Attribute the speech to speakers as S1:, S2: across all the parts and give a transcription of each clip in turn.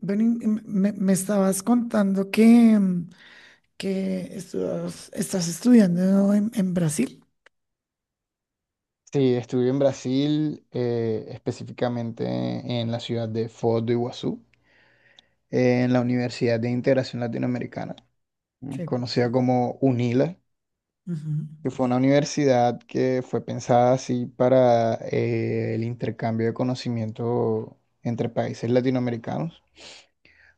S1: Ven, y me estabas contando que estás estudiando en Brasil.
S2: Sí, estuve en Brasil, específicamente en la ciudad de Foz do Iguazú, en la Universidad de Integración Latinoamericana,
S1: Sí.
S2: conocida como UNILA,
S1: Ujú.
S2: que fue una universidad que fue pensada así para el intercambio de conocimiento entre países latinoamericanos.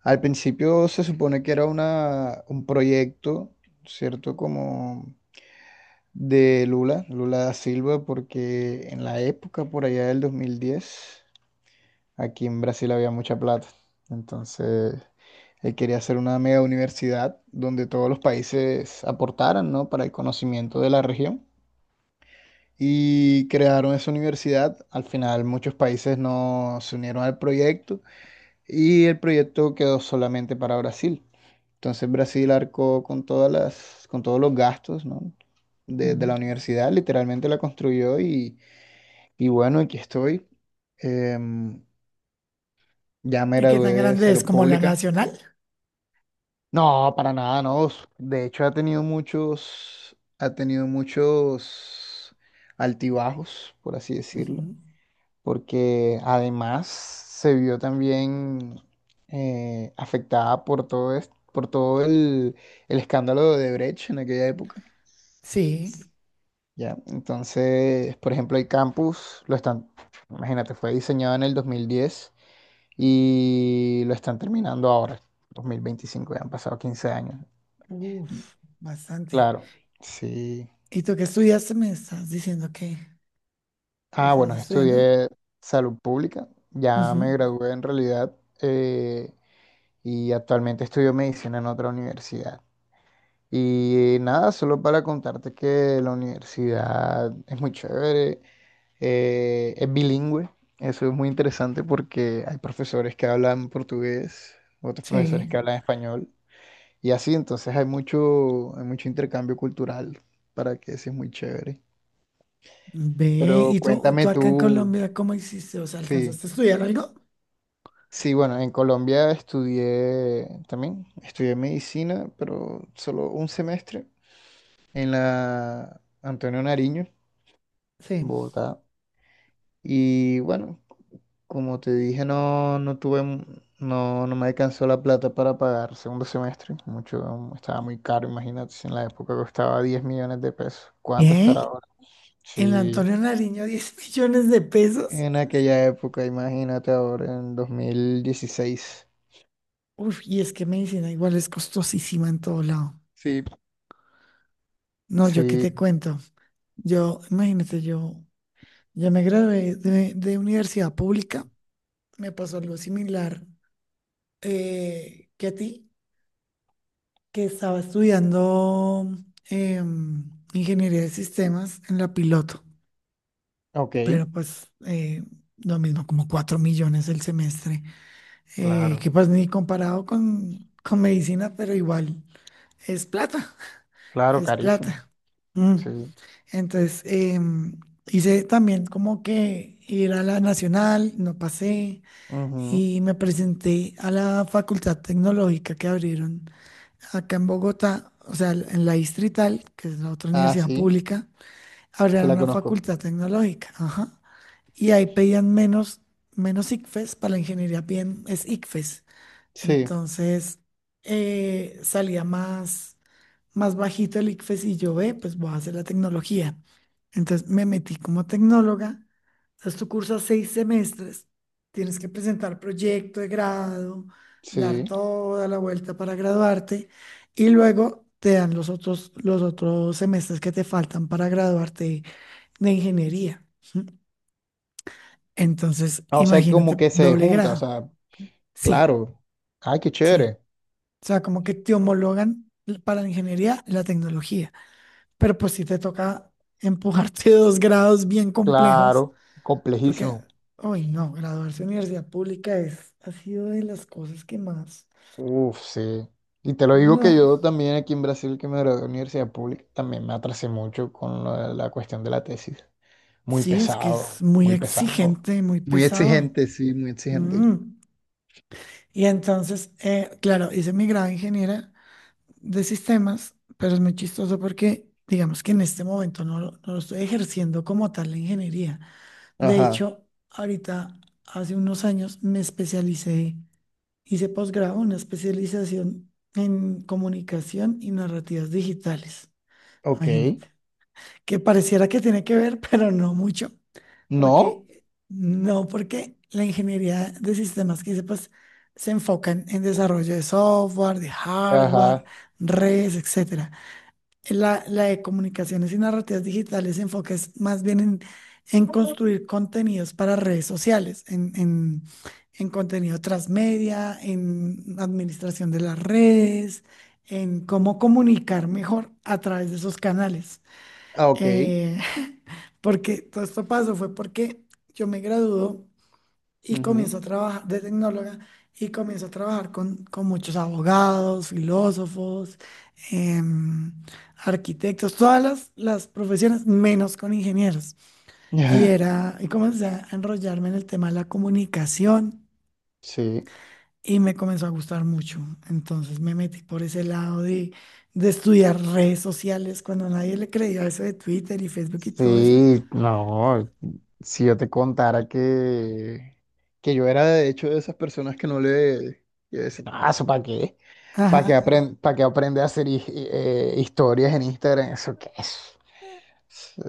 S2: Al principio se supone que era un proyecto, ¿cierto? Como de Lula, Lula da Silva, porque en la época, por allá del 2010, aquí en Brasil había mucha plata. Entonces, él quería hacer una mega universidad donde todos los países aportaran, ¿no? Para el conocimiento de la región. Y crearon esa universidad. Al final, muchos países no se unieron al proyecto y el proyecto quedó solamente para Brasil. Entonces, Brasil arcó con con todos los gastos, ¿no? De la
S1: Mm.
S2: universidad, literalmente la construyó y bueno, aquí estoy. Em, ya me
S1: ¿Y qué
S2: gradué
S1: tan
S2: de
S1: grande es
S2: salud
S1: como la
S2: pública.
S1: nacional?
S2: No, para nada, no. De hecho, ha tenido muchos altibajos, por así decirlo,
S1: Ujú.
S2: porque además se vio también afectada por todo esto, por todo el escándalo de Brecht en aquella época.
S1: Sí,
S2: Ya, entonces, por ejemplo, el campus imagínate, fue diseñado en el 2010 y lo están terminando ahora, 2025, ya han pasado 15 años.
S1: uff, bastante.
S2: Claro, sí.
S1: ¿Y tú qué estudiaste? Me estás diciendo que
S2: Ah,
S1: estabas
S2: bueno,
S1: estudiando.
S2: estudié salud pública, ya
S1: Ujú.
S2: me gradué en realidad eh, y actualmente estudio medicina en otra universidad. Y nada, solo para contarte que la universidad es muy chévere, es bilingüe, eso es muy interesante porque hay profesores que hablan portugués, otros profesores
S1: Sí.
S2: que hablan español y así, entonces hay mucho intercambio cultural para que eso es muy chévere.
S1: Ve,
S2: Pero
S1: ¿y tú,
S2: cuéntame
S1: tú acá en
S2: tú,
S1: Colombia cómo hiciste? O sea,
S2: sí.
S1: ¿alcanzaste a estudiar algo?
S2: Sí, bueno, en Colombia estudié también, estudié medicina, pero solo un semestre en la Antonio Nariño,
S1: Sí.
S2: Bogotá. Y bueno, como te dije, no, no me alcanzó la plata para pagar segundo semestre. Mucho, estaba muy caro, imagínate, si en la época costaba 10 millones de pesos. ¿Cuánto estará
S1: ¿Qué?
S2: ahora?
S1: ¿En la
S2: Sí,
S1: Antonio Nariño 10 millones de pesos?
S2: en aquella época, imagínate ahora, en 2016.
S1: Uf, y es que medicina igual es costosísima en todo lado.
S2: Sí,
S1: No, yo qué
S2: sí,
S1: te cuento. Yo, imagínate, yo me gradué de universidad pública. Me pasó algo similar, que a ti, que estaba estudiando, em, ingeniería de sistemas en la Piloto,
S2: ok,
S1: pero pues lo mismo, como 4 millones el semestre,
S2: claro.
S1: que pues ni comparado con medicina, pero igual es plata,
S2: Claro,
S1: es
S2: carísimo.
S1: plata. Mm.
S2: Sí.
S1: Entonces, hice también como que ir a la Nacional, no pasé,
S2: Ujú.
S1: y me presenté a la facultad tecnológica que abrieron acá en Bogotá, o sea, en la Distrital, que es la otra
S2: Ah,
S1: universidad
S2: sí,
S1: pública.
S2: sí
S1: Abrieron
S2: la
S1: una
S2: conozco.
S1: facultad tecnológica, ajá, y ahí pedían menos, menos ICFES. Para la ingeniería bien es ICFES,
S2: Sí,
S1: entonces salía más, más bajito el ICFES y yo, ve, pues voy a hacer la tecnología. Entonces me metí como tecnóloga. Entonces tú cursas 6 semestres, tienes que presentar proyecto de grado, dar
S2: sí.
S1: toda la vuelta para graduarte, y luego te dan los otros semestres que te faltan para graduarte de ingeniería, ¿sí? Entonces,
S2: Ah, o sea, como
S1: imagínate,
S2: que se
S1: doble
S2: junta, o
S1: grado.
S2: sea,
S1: Sí,
S2: claro. Ay, qué
S1: sí.
S2: chévere.
S1: O sea, como que te homologan para la ingeniería y la tecnología. Pero pues sí te toca empujarte dos grados bien complejos,
S2: Claro,
S1: porque,
S2: complejísimo.
S1: hoy no, graduarse en universidad pública es, ha sido de las cosas que más.
S2: Uf, sí. Y te lo digo que
S1: No,
S2: yo también aquí en Brasil, que me gradué de universidad pública, también me atrasé mucho con lo de la cuestión de la tesis. Muy
S1: sí, es que es
S2: pesado,
S1: muy
S2: muy pesado.
S1: exigente, muy
S2: Muy
S1: pesado.
S2: exigente, sí, muy exigente.
S1: Mm. Y entonces, claro, hice mi grado de ingeniera de sistemas, pero es muy chistoso porque, digamos que en este momento no, no lo estoy ejerciendo como tal la ingeniería. De
S2: Ajá,
S1: hecho, ahorita, hace unos años, me especialicé, hice posgrado, una especialización en comunicación y narrativas digitales.
S2: ok.
S1: Imagínate. Que pareciera que tiene que ver, pero no mucho,
S2: ¿No?
S1: porque no, porque la ingeniería de sistemas que hice, pues, se enfocan en desarrollo de software, de hardware,
S2: Ajá,
S1: redes, etcétera. La de comunicaciones y narrativas digitales se enfoca es más bien en construir contenidos para redes sociales, en, en contenido transmedia, en administración de las redes, en cómo comunicar mejor a través de esos canales.
S2: ah, ok.
S1: Eh, Porque todo esto pasó fue porque yo me graduó y
S2: Ujú.
S1: comienzo a trabajar de tecnóloga, y comienzo a trabajar con muchos abogados, filósofos, em, arquitectos, todas las profesiones, menos con ingenieros. Y era, y comencé a enrollarme en el tema de la comunicación
S2: Sí,
S1: y me comenzó a gustar mucho. Entonces me metí por ese lado de estudiar redes sociales cuando nadie le creía eso de Twitter y Facebook y todo eso.
S2: sí, no, si yo te contara que yo era de hecho de esas personas que no le, que decían, ah, ¿eso para qué?
S1: Ajá.
S2: Para qué aprende a hacer historias en Instagram? ¿Eso qué es?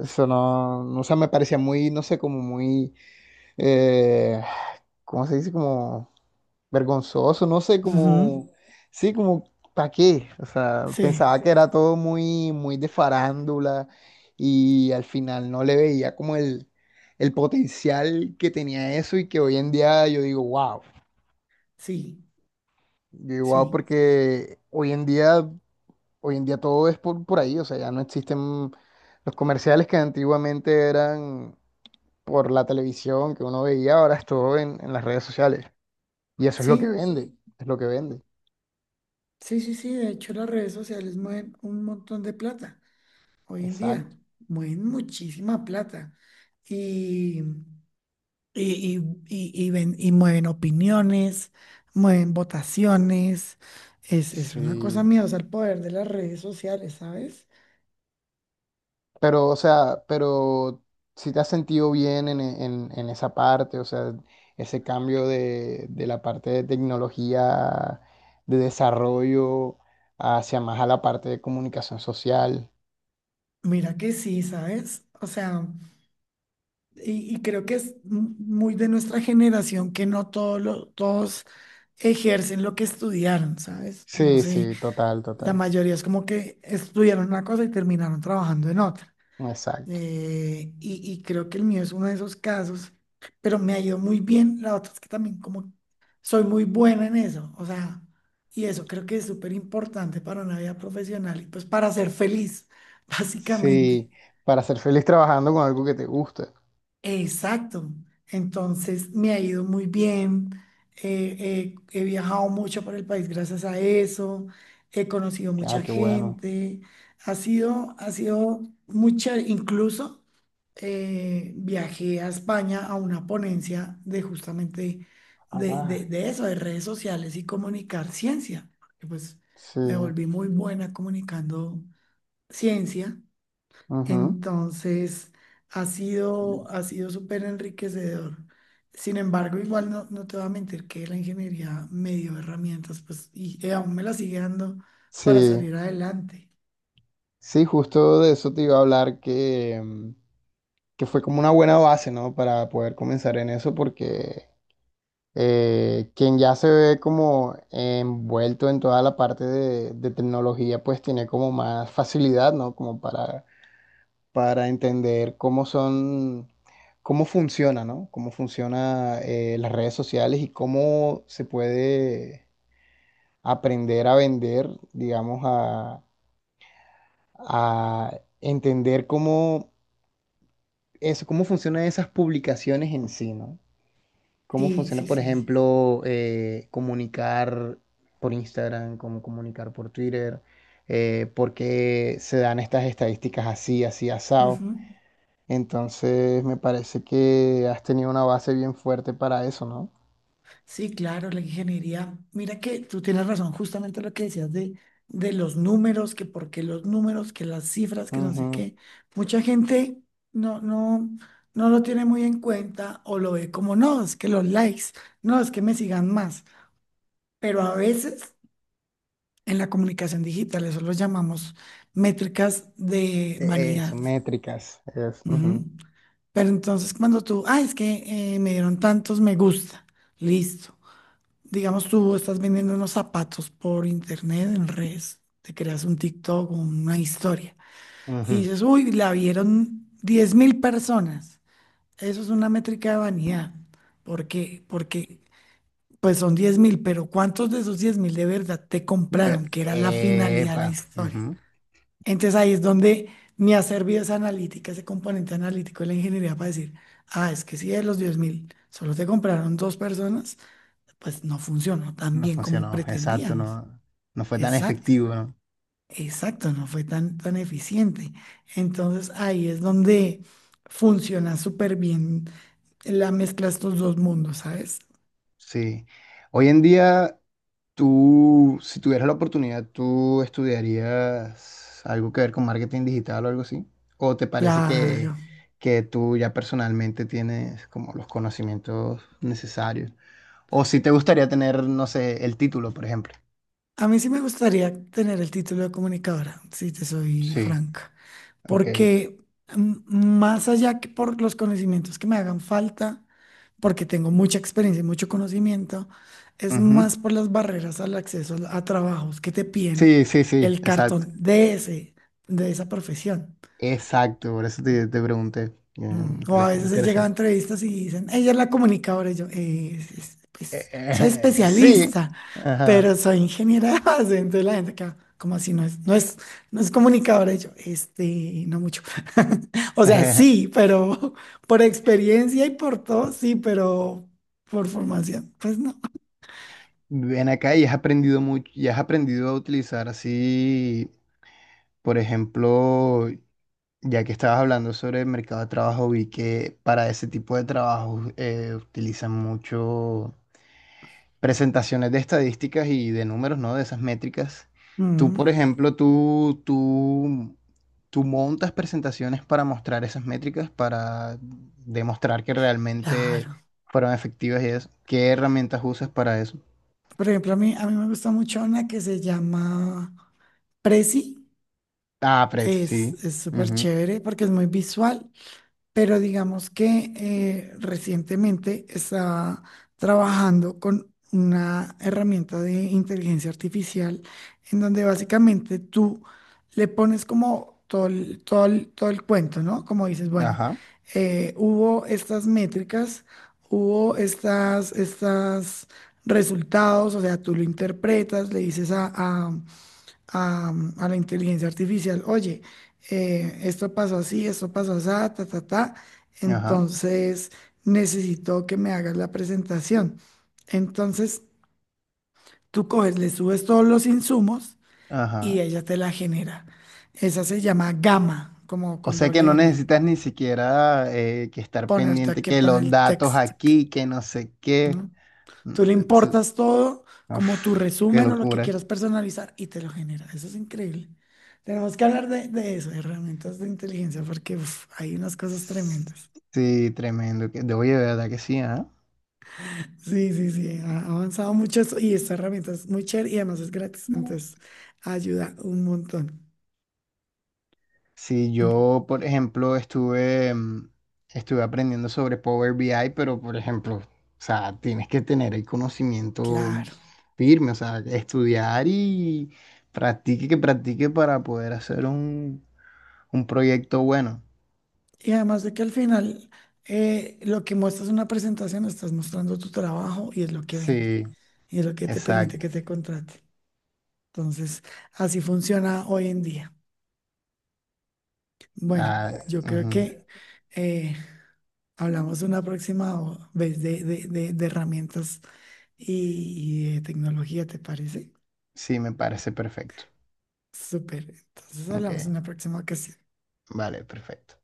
S2: Eso no, no, o sea, me parecía muy, no sé, como muy, eh, ¿cómo se dice? Como vergonzoso, no sé,
S1: Ujú,
S2: como, sí, como, ¿para qué? O sea,
S1: sí,
S2: pensaba que era todo muy, muy de farándula y al final no le veía como el potencial que tenía eso y que hoy en día
S1: sí,
S2: yo digo, wow,
S1: sí,
S2: porque hoy en día todo es por ahí, o sea, ya no existen los comerciales que antiguamente eran por la televisión que uno veía, ahora es todo en las redes sociales y eso es lo que
S1: sí.
S2: vende, sí, es lo que vende.
S1: Sí, sí, sí, de hecho las redes sociales mueven un montón de plata hoy en día,
S2: Exacto.
S1: mueven muchísima plata y, y, y mueven opiniones, mueven votaciones, es una cosa
S2: Sí,
S1: miedosa el poder de las redes sociales, ¿sabes?
S2: pero, o sea, pero si te has sentido bien en esa parte, o sea, ese cambio de la parte de tecnología, de desarrollo, hacia más a la parte de comunicación social.
S1: Mira que sí, ¿sabes? O sea, y creo que es muy de nuestra generación, que no todo todos ejercen lo que estudiaron, ¿sabes? No
S2: Sí,
S1: sé.
S2: sí, total,
S1: La
S2: total.
S1: mayoría es como que estudiaron una cosa y terminaron trabajando en otra.
S2: Exacto.
S1: Y creo que el mío es uno de esos casos, pero me ha ido muy bien. La otra es que también como soy muy buena en eso, o sea, y eso creo que es súper importante para una vida profesional y pues para ser feliz, básicamente.
S2: Sí, para ser feliz trabajando con algo que te guste.
S1: Exacto. Entonces me ha ido muy bien. He viajado mucho por el país gracias a eso. He conocido
S2: Ah,
S1: mucha
S2: qué bueno.
S1: gente. Ha sido mucha, incluso viajé a España a una ponencia de justamente de,
S2: Ah,
S1: de- de eso, de redes sociales y comunicar ciencia, porque, pues,
S2: sí.
S1: me volví muy buena comunicando ciencia.
S2: Ujú.
S1: Entonces, ha sido súper enriquecedor. Sin embargo, igual no, no te voy a mentir que la ingeniería me dio herramientas, pues, y aún me las sigue dando para
S2: Sí,
S1: salir adelante.
S2: sí, justo de eso te iba a hablar que fue como una buena base, ¿no? Para poder comenzar en eso, porque quien ya se ve como envuelto en toda la parte de tecnología, pues tiene como más facilidad, ¿no? Como para entender cómo son, cómo funciona, ¿no? Cómo funciona las redes sociales y cómo se puede aprender a vender, digamos, a entender cómo, eso, cómo funcionan esas publicaciones en sí, ¿no? ¿Cómo
S1: Sí,
S2: funciona,
S1: sí,
S2: por y
S1: sí.
S2: ejemplo, comunicar por Instagram, cómo comunicar por Twitter? ¿Por qué se dan estas estadísticas así, así asado? Entonces, me parece que has tenido una base bien fuerte para eso, ¿no?
S1: Sí, claro, la ingeniería. Mira que tú tienes razón, justamente lo que decías de los números, que por qué los números, que las cifras, que no sé
S2: Ujú.
S1: qué. Mucha gente no, no lo tiene muy en cuenta o lo ve como, no, es que los likes, no, es que me sigan más. Pero a veces en la comunicación digital eso lo llamamos métricas de vanidad.
S2: Eso, métricas. Es,
S1: Ujú.
S2: ujú,
S1: Pero entonces cuando tú, ah, es que me dieron tantos me gusta, listo. Digamos, tú estás vendiendo unos zapatos por internet, en redes, te creas un TikTok o una historia, y
S2: ujú.
S1: dices, uy, la vieron 10.000 personas. Eso es una métrica de vanidad. ¿Por qué? Porque, pues son 10.000, pero ¿cuántos de esos 10.000 de verdad te compraron? Que era la finalidad de la
S2: Epa,
S1: historia.
S2: ujú.
S1: Entonces ahí es donde me ha servido esa analítica, ese componente analítico de la ingeniería para decir, ah, es que si de los 10.000 solo te compraron dos personas, pues no funcionó tan
S2: No
S1: bien como
S2: funcionó, exacto,
S1: pretendíamos.
S2: no, no fue tan
S1: Exacto,
S2: efectivo, ¿no?
S1: exacto, no fue tan, tan eficiente. Entonces ahí es donde funciona súper bien la mezcla de estos dos mundos, ¿sabes?
S2: Sí. Hoy en día... Tú, si tuvieras la oportunidad, ¿tú estudiarías algo que ver con marketing digital o algo así? ¿O te parece
S1: Claro.
S2: que tú ya personalmente tienes como los conocimientos necesarios? ¿O si te gustaría tener, no sé, el título, por ejemplo?
S1: A mí sí me gustaría tener el título de comunicadora, si te soy
S2: Sí,
S1: franca,
S2: ok.
S1: porque más allá que por los conocimientos que me hagan falta, porque tengo mucha experiencia y mucho conocimiento, es más
S2: Ujú.
S1: por las barreras al acceso a trabajos que te piden
S2: Sí, sí, sí,
S1: el cartón
S2: exacto.
S1: de ese, de esa profesión.
S2: Exacto, por eso te, te pregunté.
S1: Mm,
S2: Me
S1: o a
S2: parece
S1: veces he llegado a
S2: interesante.
S1: entrevistas y dicen, ella es la comunicadora, y yo, Pues, soy
S2: Pues sí.
S1: especialista, pero
S2: Ajá.
S1: soy ingeniera de base, entonces la gente acá, como así, no es, no es comunicadora, y yo, este, no mucho. O sea, sí, pero por experiencia y por todo, sí, pero por formación, pues no.
S2: Ven acá y has aprendido mucho, y has aprendido a utilizar así, por ejemplo, ya que estabas hablando sobre el mercado de trabajo, vi que para ese tipo de trabajos utilizan mucho presentaciones de estadísticas y de números, ¿no? De esas métricas. Tú, por
S1: Mm,
S2: ejemplo, tú montas presentaciones para mostrar esas métricas, para demostrar que realmente
S1: claro.
S2: fueron efectivas y eso. ¿Qué herramientas usas para eso?
S1: Por ejemplo, a mí me gusta mucho una que se llama Prezi.
S2: Ah, Pret,
S1: Es,
S2: sí.
S1: es súper
S2: Ujú.
S1: chévere porque es muy visual, pero digamos que recientemente estaba trabajando con una herramienta de inteligencia artificial en donde básicamente tú le pones como todo el cuento, ¿no? Como dices, bueno,
S2: Ajá,
S1: hubo estas métricas, hubo estas resultados, o sea, tú lo interpretas, le dices a, a la inteligencia artificial, oye, esto pasó así, ta, ta, ta,
S2: ajá,
S1: entonces necesito que me hagas la presentación. Entonces tú coges, le subes todos los insumos y
S2: ajá.
S1: ella te la genera. Esa se llama Gama, como
S2: O
S1: con
S2: sea que
S1: doble
S2: no
S1: M.
S2: necesitas ni siquiera que estar
S1: Ponerte
S2: pendiente
S1: aquí
S2: que
S1: poner
S2: los
S1: el
S2: datos
S1: texto.
S2: aquí, que no sé qué. Mm,
S1: Tú le
S2: tsu-
S1: importas todo, como tu
S2: Uf, qué
S1: resumen o lo que
S2: locura.
S1: quieras personalizar, y te lo genera. Eso es increíble. Tenemos que hablar de eso, de herramientas de inteligencia, porque uf, hay unas cosas tremendas.
S2: Sí, tremendo. De oye, de verdad que sí,
S1: Sí, sí, sí, ha avanzado mucho eso, y esta herramienta es muy chévere y además es gratis,
S2: ¿ah?
S1: entonces ayuda un montón.
S2: Si yo, por ejemplo, estuve aprendiendo sobre Power BI, pero, por ejemplo, o sea, tienes que tener el conocimiento
S1: Claro.
S2: firme, o sea, estudiar y practique, que practique para poder hacer un proyecto bueno.
S1: Y además de que al final lo que muestras en una presentación, estás mostrando tu trabajo y es lo que vende,
S2: Sí,
S1: y es lo que te permite
S2: exacto.
S1: que te contrate. Entonces, así funciona hoy en día. Bueno,
S2: Ah,
S1: yo creo
S2: ujú.
S1: que eh, hablamos una próxima vez de herramientas y de tecnología, ¿te parece?
S2: Sí, me parece perfecto.
S1: Súper. Entonces
S2: Ok,
S1: hablamos una próxima ocasión.
S2: vale, perfecto.